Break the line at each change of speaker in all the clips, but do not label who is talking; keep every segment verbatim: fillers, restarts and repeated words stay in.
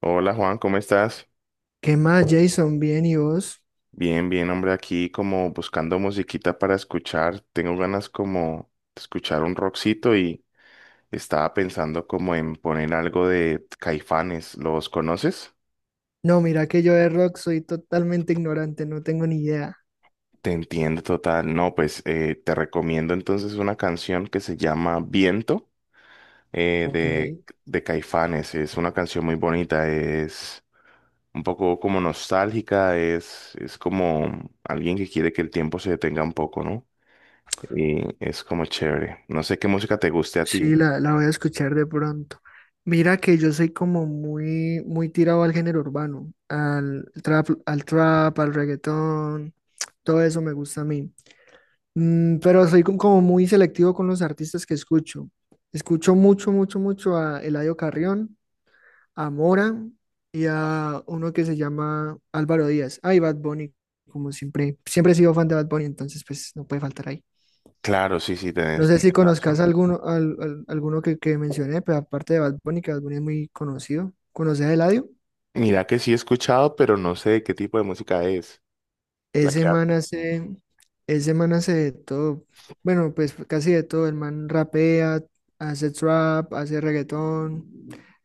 Hola Juan, ¿cómo estás?
¿Qué más, Jason? ¿Bien y vos?
Bien, bien, hombre, aquí como buscando musiquita para escuchar. Tengo ganas como de escuchar un rockcito y estaba pensando como en poner algo de Caifanes. ¿Los conoces?
No, mira que yo de rock soy totalmente ignorante, no tengo ni idea.
Te entiendo total. No, pues eh, te recomiendo entonces una canción que se llama Viento eh,
Ok.
de, de Caifanes. Es una canción muy bonita, es un poco como nostálgica, es, es como alguien que quiere que el tiempo se detenga un poco, ¿no? Y es como chévere. No sé qué música te guste a ti.
Sí, la, la voy a escuchar de pronto. Mira que yo soy como muy, muy tirado al género urbano, al trap, al trap, al reggaetón, todo eso me gusta a mí. Mm, pero soy co- como muy selectivo con los artistas que escucho. Escucho mucho, mucho, mucho a Eladio Carrión, a Mora y a uno que se llama Álvaro Díaz. Ay, Bad Bunny, como siempre, siempre he sido fan de Bad Bunny, entonces pues no puede faltar ahí.
Claro, sí, sí,
No
tenés,
sé si
tienes
conozcas
razón.
alguno, al- al- alguno que, que mencioné, pero aparte de Bad Bunny, que Bad Bunny es muy conocido. ¿Conoces a Eladio?
Mira que sí he escuchado, pero no sé de qué tipo de música es la
Ese
que
man
habla.
hace, Ese man hace de todo, bueno, pues casi de todo. El man rapea, hace trap, hace reggaetón.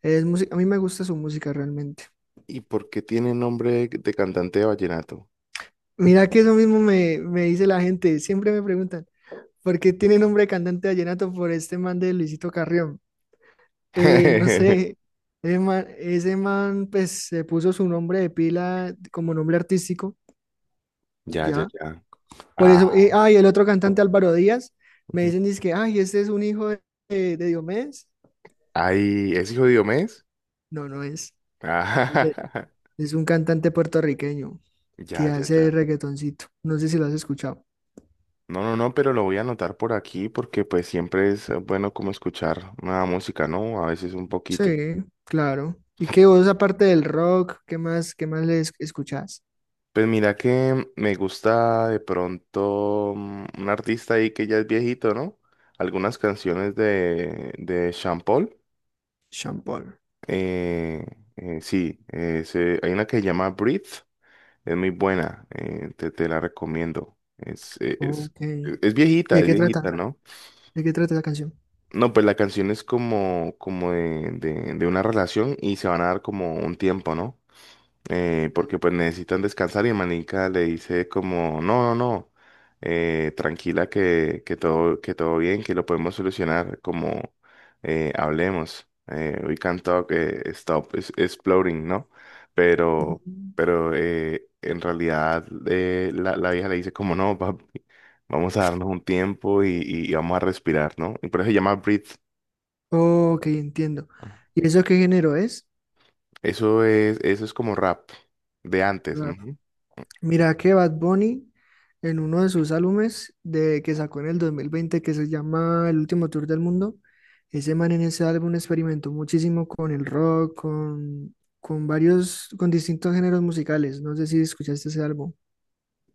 Es música, a mí me gusta su música realmente.
¿Y por qué tiene nombre de cantante de vallenato?
Mira que eso mismo me, me dice la gente, siempre me preguntan, porque tiene nombre de cantante de vallenato por este man de Luisito Carrión. Eh, no sé, ese man, ese man, pues se puso su nombre de pila como nombre artístico,
Ya, ya,
ya.
ya.
Por eso,
Ah,
eh, ah, y el otro cantante Álvaro Díaz, me
ujú.
dicen que ay, este es un hijo de, de Diomedes.
Ay, ¿es hijo de Diomedes?
No, no es. Es,
Ah,
de- es un cantante puertorriqueño
ya,
que
ya,
hace
ya.
reggaetoncito. No sé si lo has escuchado.
No, no, no, pero lo voy a anotar por aquí porque pues siempre es eh, bueno como escuchar nueva música, ¿no? A veces un poquito.
Sí, claro. ¿Y qué vos, aparte del rock, qué más, qué más le escuchás?
Pues mira que me gusta de pronto mm, un artista ahí que ya es viejito, ¿no? Algunas canciones de, de Sean Paul.
Sean Paul.
Eh, eh, sí, eh, se- hay una que se llama Breathe. Es muy buena, eh, te, te la recomiendo. Es, e- es,
Ok. ¿Y
e- es viejita,
de
es
qué
viejita,
trata?
¿no?
¿De qué trata la canción?
No, pues la canción es como, como de, de, de una relación y se van a dar como un tiempo, ¿no? eh, porque pues necesitan descansar y Manica le dice como, no, no, no, eh, tranquila que, que todo, que todo bien, que lo podemos solucionar, como eh, hablemos. Eh, we can talk, eh, stop es- exploring, ¿no? Pero,
Mm.
pero eh, en realidad eh, la, la vieja le dice como, no, papi, vamos a darnos un tiempo y, y y vamos a respirar, ¿no? Y por eso se llama Breathe.
Ok, entiendo. ¿Y eso qué género es?
Eso es, eso es como rap de antes.
Rap.
Ujú.
Mira que Bad Bunny en uno de sus álbumes de, que sacó en el dos mil veinte, que se llama El último tour del mundo, ese man en ese álbum experimentó muchísimo con el rock, con, con varios, con distintos géneros musicales. No sé si escuchaste ese álbum.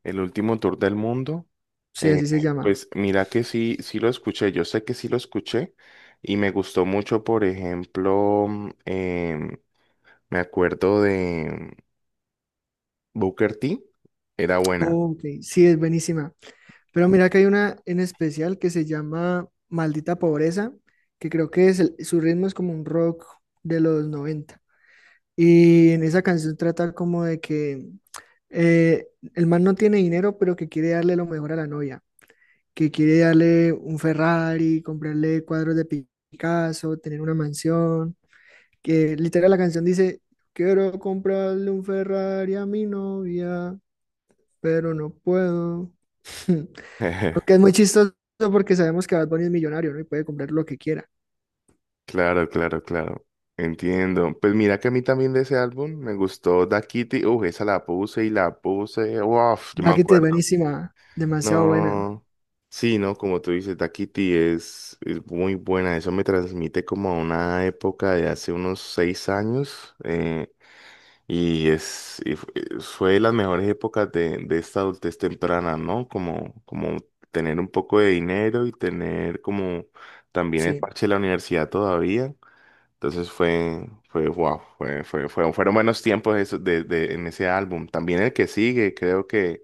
El último tour del mundo.
Sí,
Eh,
así se llama.
pues mira que sí, sí lo escuché, yo sé que sí lo escuché y me gustó mucho, por ejemplo, mm, em, me acuerdo de Booker T, era buena.
Ok, sí, es buenísima. Pero mira que hay una en especial que se llama Maldita Pobreza, que creo que es el- su ritmo es como un rock de los noventa. Y en esa canción trata como de que eh, el man no tiene dinero, pero que quiere darle lo mejor a la novia, que quiere darle un Ferrari, comprarle cuadros de Pi- Picasso, tener una mansión, que literal la canción dice: quiero comprarle un Ferrari a mi novia, pero no puedo. Aunque es muy chistoso porque sabemos que Bad Bunny es millonario, ¿no? Y puede comprar lo que quiera.
Claro, claro, claro, entiendo. Pues mira que a mí también de ese álbum me gustó Da Kitty, uff, esa la puse y la puse, uff, yo me
Bucket es
acuerdo.
buenísima, demasiado buena.
No, sí, no, como tú dices, Daquiti es, es muy buena. Eso me transmite como a una época de hace unos seis años eh, y es y fu- eh, fue de las mejores épocas de, de esta adultez temprana, ¿no? Como, como tener un poco de dinero y tener como también el
Sí,
parche de la universidad todavía. Entonces fue, fue, wow, fue, fue, fue- fueron buenos tiempos esos de, de- en ese álbum. También el que sigue, creo que,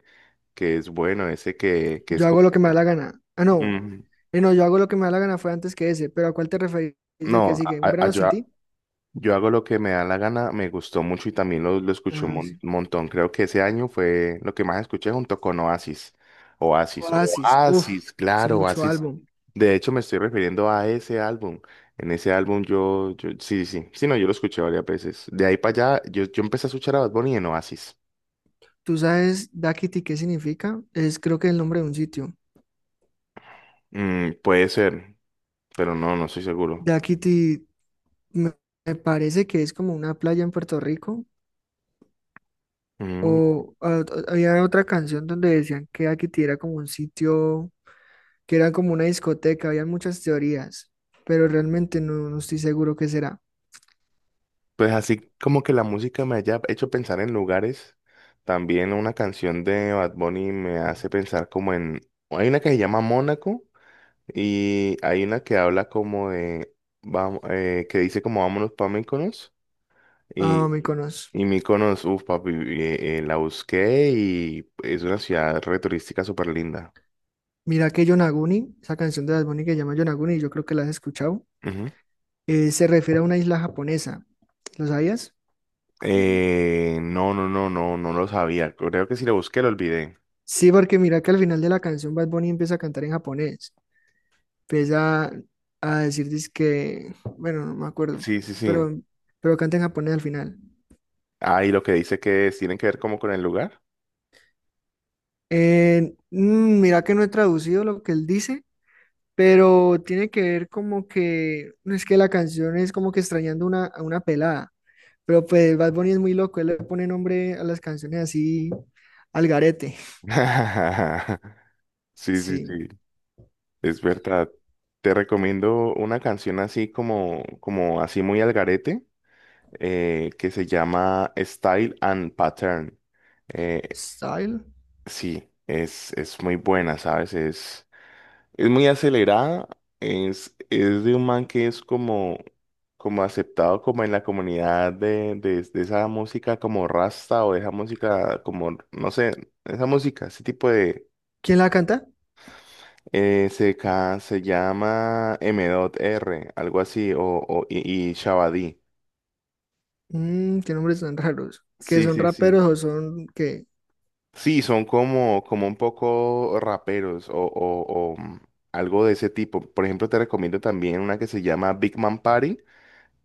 que es bueno, ese que, que es
yo hago lo que me da la
como.
gana. Ah, no.
Mm,
Eh, no, yo hago lo que me da la gana fue antes que ese. ¿Pero a cuál te referís del que
No,
sigue? ¿Un
a- a-
verano sin
yo,
ti?
yo hago lo que me da la gana, me gustó mucho y también lo, lo escuché un
Ah,
mon-
sí.
montón. Creo que ese año fue lo que más escuché junto con Oasis. Oasis,
Oasis. Uf,
Oasis,
es
claro,
mucho
Oasis.
álbum.
De hecho, me estoy refiriendo a ese álbum. En ese álbum yo, yo sí, sí, sí, no, yo lo escuché varias veces. De ahí para allá, yo, yo empecé a escuchar a Bad Bunny en Oasis.
¿Tú sabes Dakity qué significa? Es creo que el nombre de un sitio.
Mm, puede ser, pero no, no estoy seguro.
Dakity me me parece que es como una playa en Puerto Rico.
Mm.
O a- a- había otra canción donde decían que Akiti era como un sitio, que era como una discoteca, había muchas teorías, pero realmente no, no estoy seguro qué será.
Pues así como que la música me haya hecho pensar en lugares, también una canción de Bad Bunny me hace pensar como en... Hay una que se llama Mónaco y hay una que habla como de... Vamos, que dice como vámonos para Mykonos
Ah,
y,
me conozco.
y Mykonos, uff papi, eh, eh, la busqué y es una ciudad re turística súper linda.
Mira que Yonaguni, esa canción de Bad Bunny que se llama Yonaguni, yo creo que la has escuchado,
Ujú.
eh, se refiere a una isla japonesa. ¿Lo sabías?
Eh, no, no, no, no, no lo sabía. Creo que si lo busqué lo olvidé.
Sí, porque mira que al final de la canción Bad Bunny empieza a cantar en japonés. Empieza a decir que, bueno, no me acuerdo,
Sí, sí, sí.
pero, pero canta en japonés al final.
Ah, y lo que dice que es, tienen que ver como con el lugar.
Eh, mm, mira que no he traducido lo que él dice, pero tiene que ver como que, no, es que la canción es como que extrañando una, a una pelada, pero pues Bad Bunny es muy loco, él le pone nombre a las canciones así al garete.
Sí, sí,
Sí.
sí, es verdad. Te recomiendo una canción así como, como así muy al garete, eh, que se llama Style and Pattern. Eh,
Style.
sí, es, es muy buena, ¿sabes? Es, es muy acelerada, es, es de un man que es como, como aceptado como en la comunidad de, de, de esa música como rasta o de esa música como, no sé, esa música, ese tipo de.
¿Quién la canta?
Eh, se, ca- se llama M.R, algo así, o, o- y, y Shabadí.
Mm, qué nombres tan raros. ¿Que
Sí,
son
sí, sí.
raperos o son qué?
Sí, son como, como un poco raperos o, o- o, mm, algo de ese tipo. Por ejemplo, te recomiendo también una que se llama Big Man Party.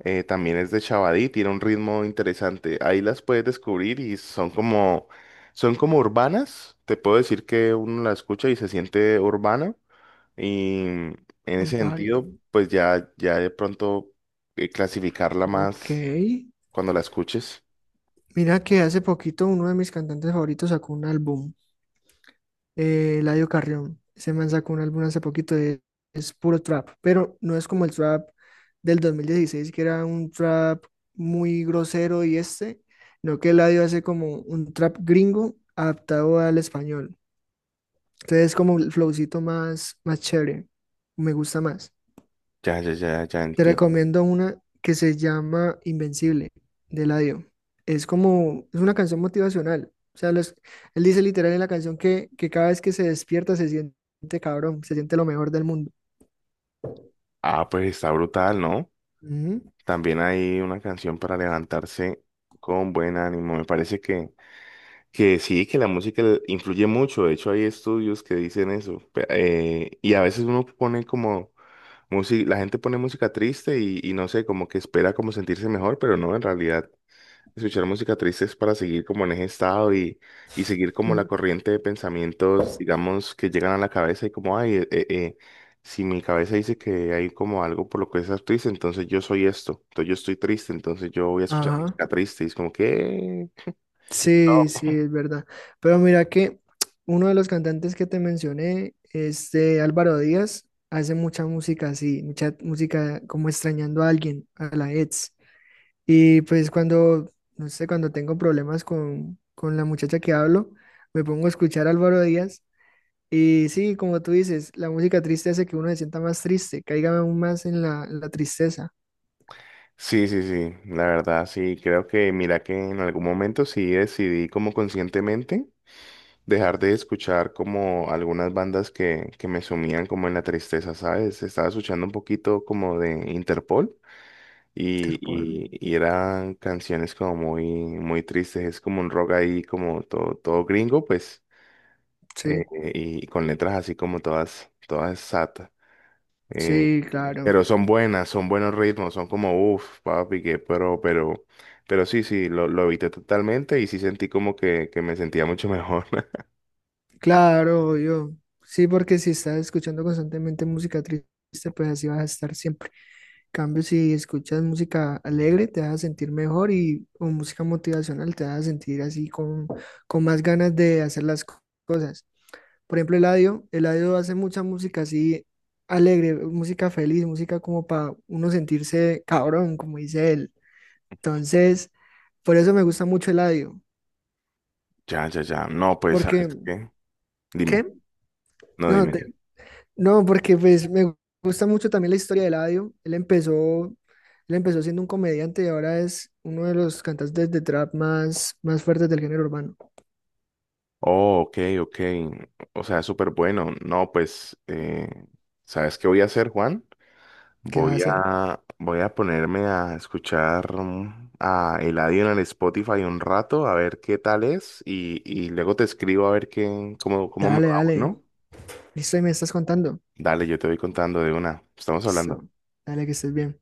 eh, también es de Shabadí, tiene un ritmo interesante. Ahí las puedes descubrir y son como, son como urbanas. Te puedo decir que uno la escucha y se siente urbana. Y en
Un
ese sentido,
party.
pues ya, ya de pronto eh, clasificarla
Ok.
más cuando la escuches.
Mira que hace poquito uno de mis cantantes favoritos sacó un álbum, eh, Eladio Carrión. Ese man sacó un álbum hace poquito, de- es puro trap, pero no es como el trap del dos mil dieciséis, que era un trap muy grosero, y este, no, que Eladio hace como un trap gringo adaptado al español. Entonces es como el flowcito más, más chévere, me gusta más.
Ya, ya, ya, ya
Te
entiendo.
recomiendo una que se llama Invencible, de Eladio. Es como, es una canción motivacional. O sea, los- él dice literal en la canción que, que cada vez que se despierta se siente cabrón, se siente lo mejor del mundo.
Ah, pues está brutal, ¿no?
Ujú,
También hay una canción para levantarse con buen ánimo. Me parece que, que sí, que la música le- influye mucho. De hecho, hay estudios que dicen eso. Pe- eh, y a veces uno pone como música, la gente pone música triste y, y no sé, como que espera como sentirse mejor, pero no, en realidad. Escuchar música triste es para seguir como en ese estado y, y seguir como
ujú.
la corriente de pensamientos, digamos, que llegan a la cabeza y como, ay, eh, eh, eh, si mi cabeza dice que hay como algo por lo que estás triste, entonces yo soy esto, entonces yo estoy triste, entonces yo voy a escuchar
Ajá.
música triste y es como que...
Sí, sí,
No.
es verdad. Pero mira que uno de los cantantes que te mencioné, este Álvaro Díaz, hace mucha música así, mucha música como extrañando a alguien, a la ex. Y pues cuando, no sé, cuando tengo problemas con, con la muchacha que hablo, me pongo a escuchar a Álvaro Díaz. Y sí, como tú dices, la música triste hace que uno se sienta más triste, caiga aún más en la, en la tristeza.
Sí, sí, sí, la verdad, sí, creo que mira que en algún momento sí decidí como conscientemente, dejar de escuchar como algunas bandas que, que me sumían como en la tristeza, ¿sabes? Estaba escuchando un poquito como de Interpol y,
Interpol.
y, y eran canciones como muy, muy tristes, es como un rock ahí como todo, todo gringo, pues, eh,
Sí,
y con letras así como todas, todas sad. eh,
sí,
eh,
claro.
pero son buenas, son buenos ritmos, son como, uff, papi, que pero, pero, pero sí, sí, lo, lo evité totalmente y sí sentí como que, que me sentía mucho mejor.
Claro, yo. Sí, porque si estás escuchando constantemente música triste, pues así vas a estar siempre. En cambio, si escuchas música alegre, te vas a sentir mejor, y o música motivacional, te vas a sentir así con, con más ganas de hacer las co- cosas. Por ejemplo, Eladio, Eladio hace mucha música así alegre, música feliz, música como para uno sentirse cabrón, como dice él. Entonces, por eso me gusta mucho Eladio,
Ya, ya, ya. No, pues, ¿sabes
porque,
qué?
¿qué?
Dime, no,
No.
dime. Dime.
No, porque pues me gusta mucho también la historia de Eladio. Él empezó, él empezó siendo un comediante y ahora es uno de los cantantes de trap más, más fuertes del género urbano.
Oh, ok, ok. O sea, súper bueno. No, pues, eh, ¿sabes qué voy a hacer, Juan?
¿Qué vas a
Voy
hacer?
a, voy a ponerme a escuchar mm, a Eladio en el Spotify un rato, a ver qué tal es, y, y luego te escribo a ver qué, cómo, cómo me
Dale,
va,
dale.
¿no?
Listo, y me estás contando.
Dale, yo te voy contando de una. Estamos hablando.
Listo. Dale, que estés bien.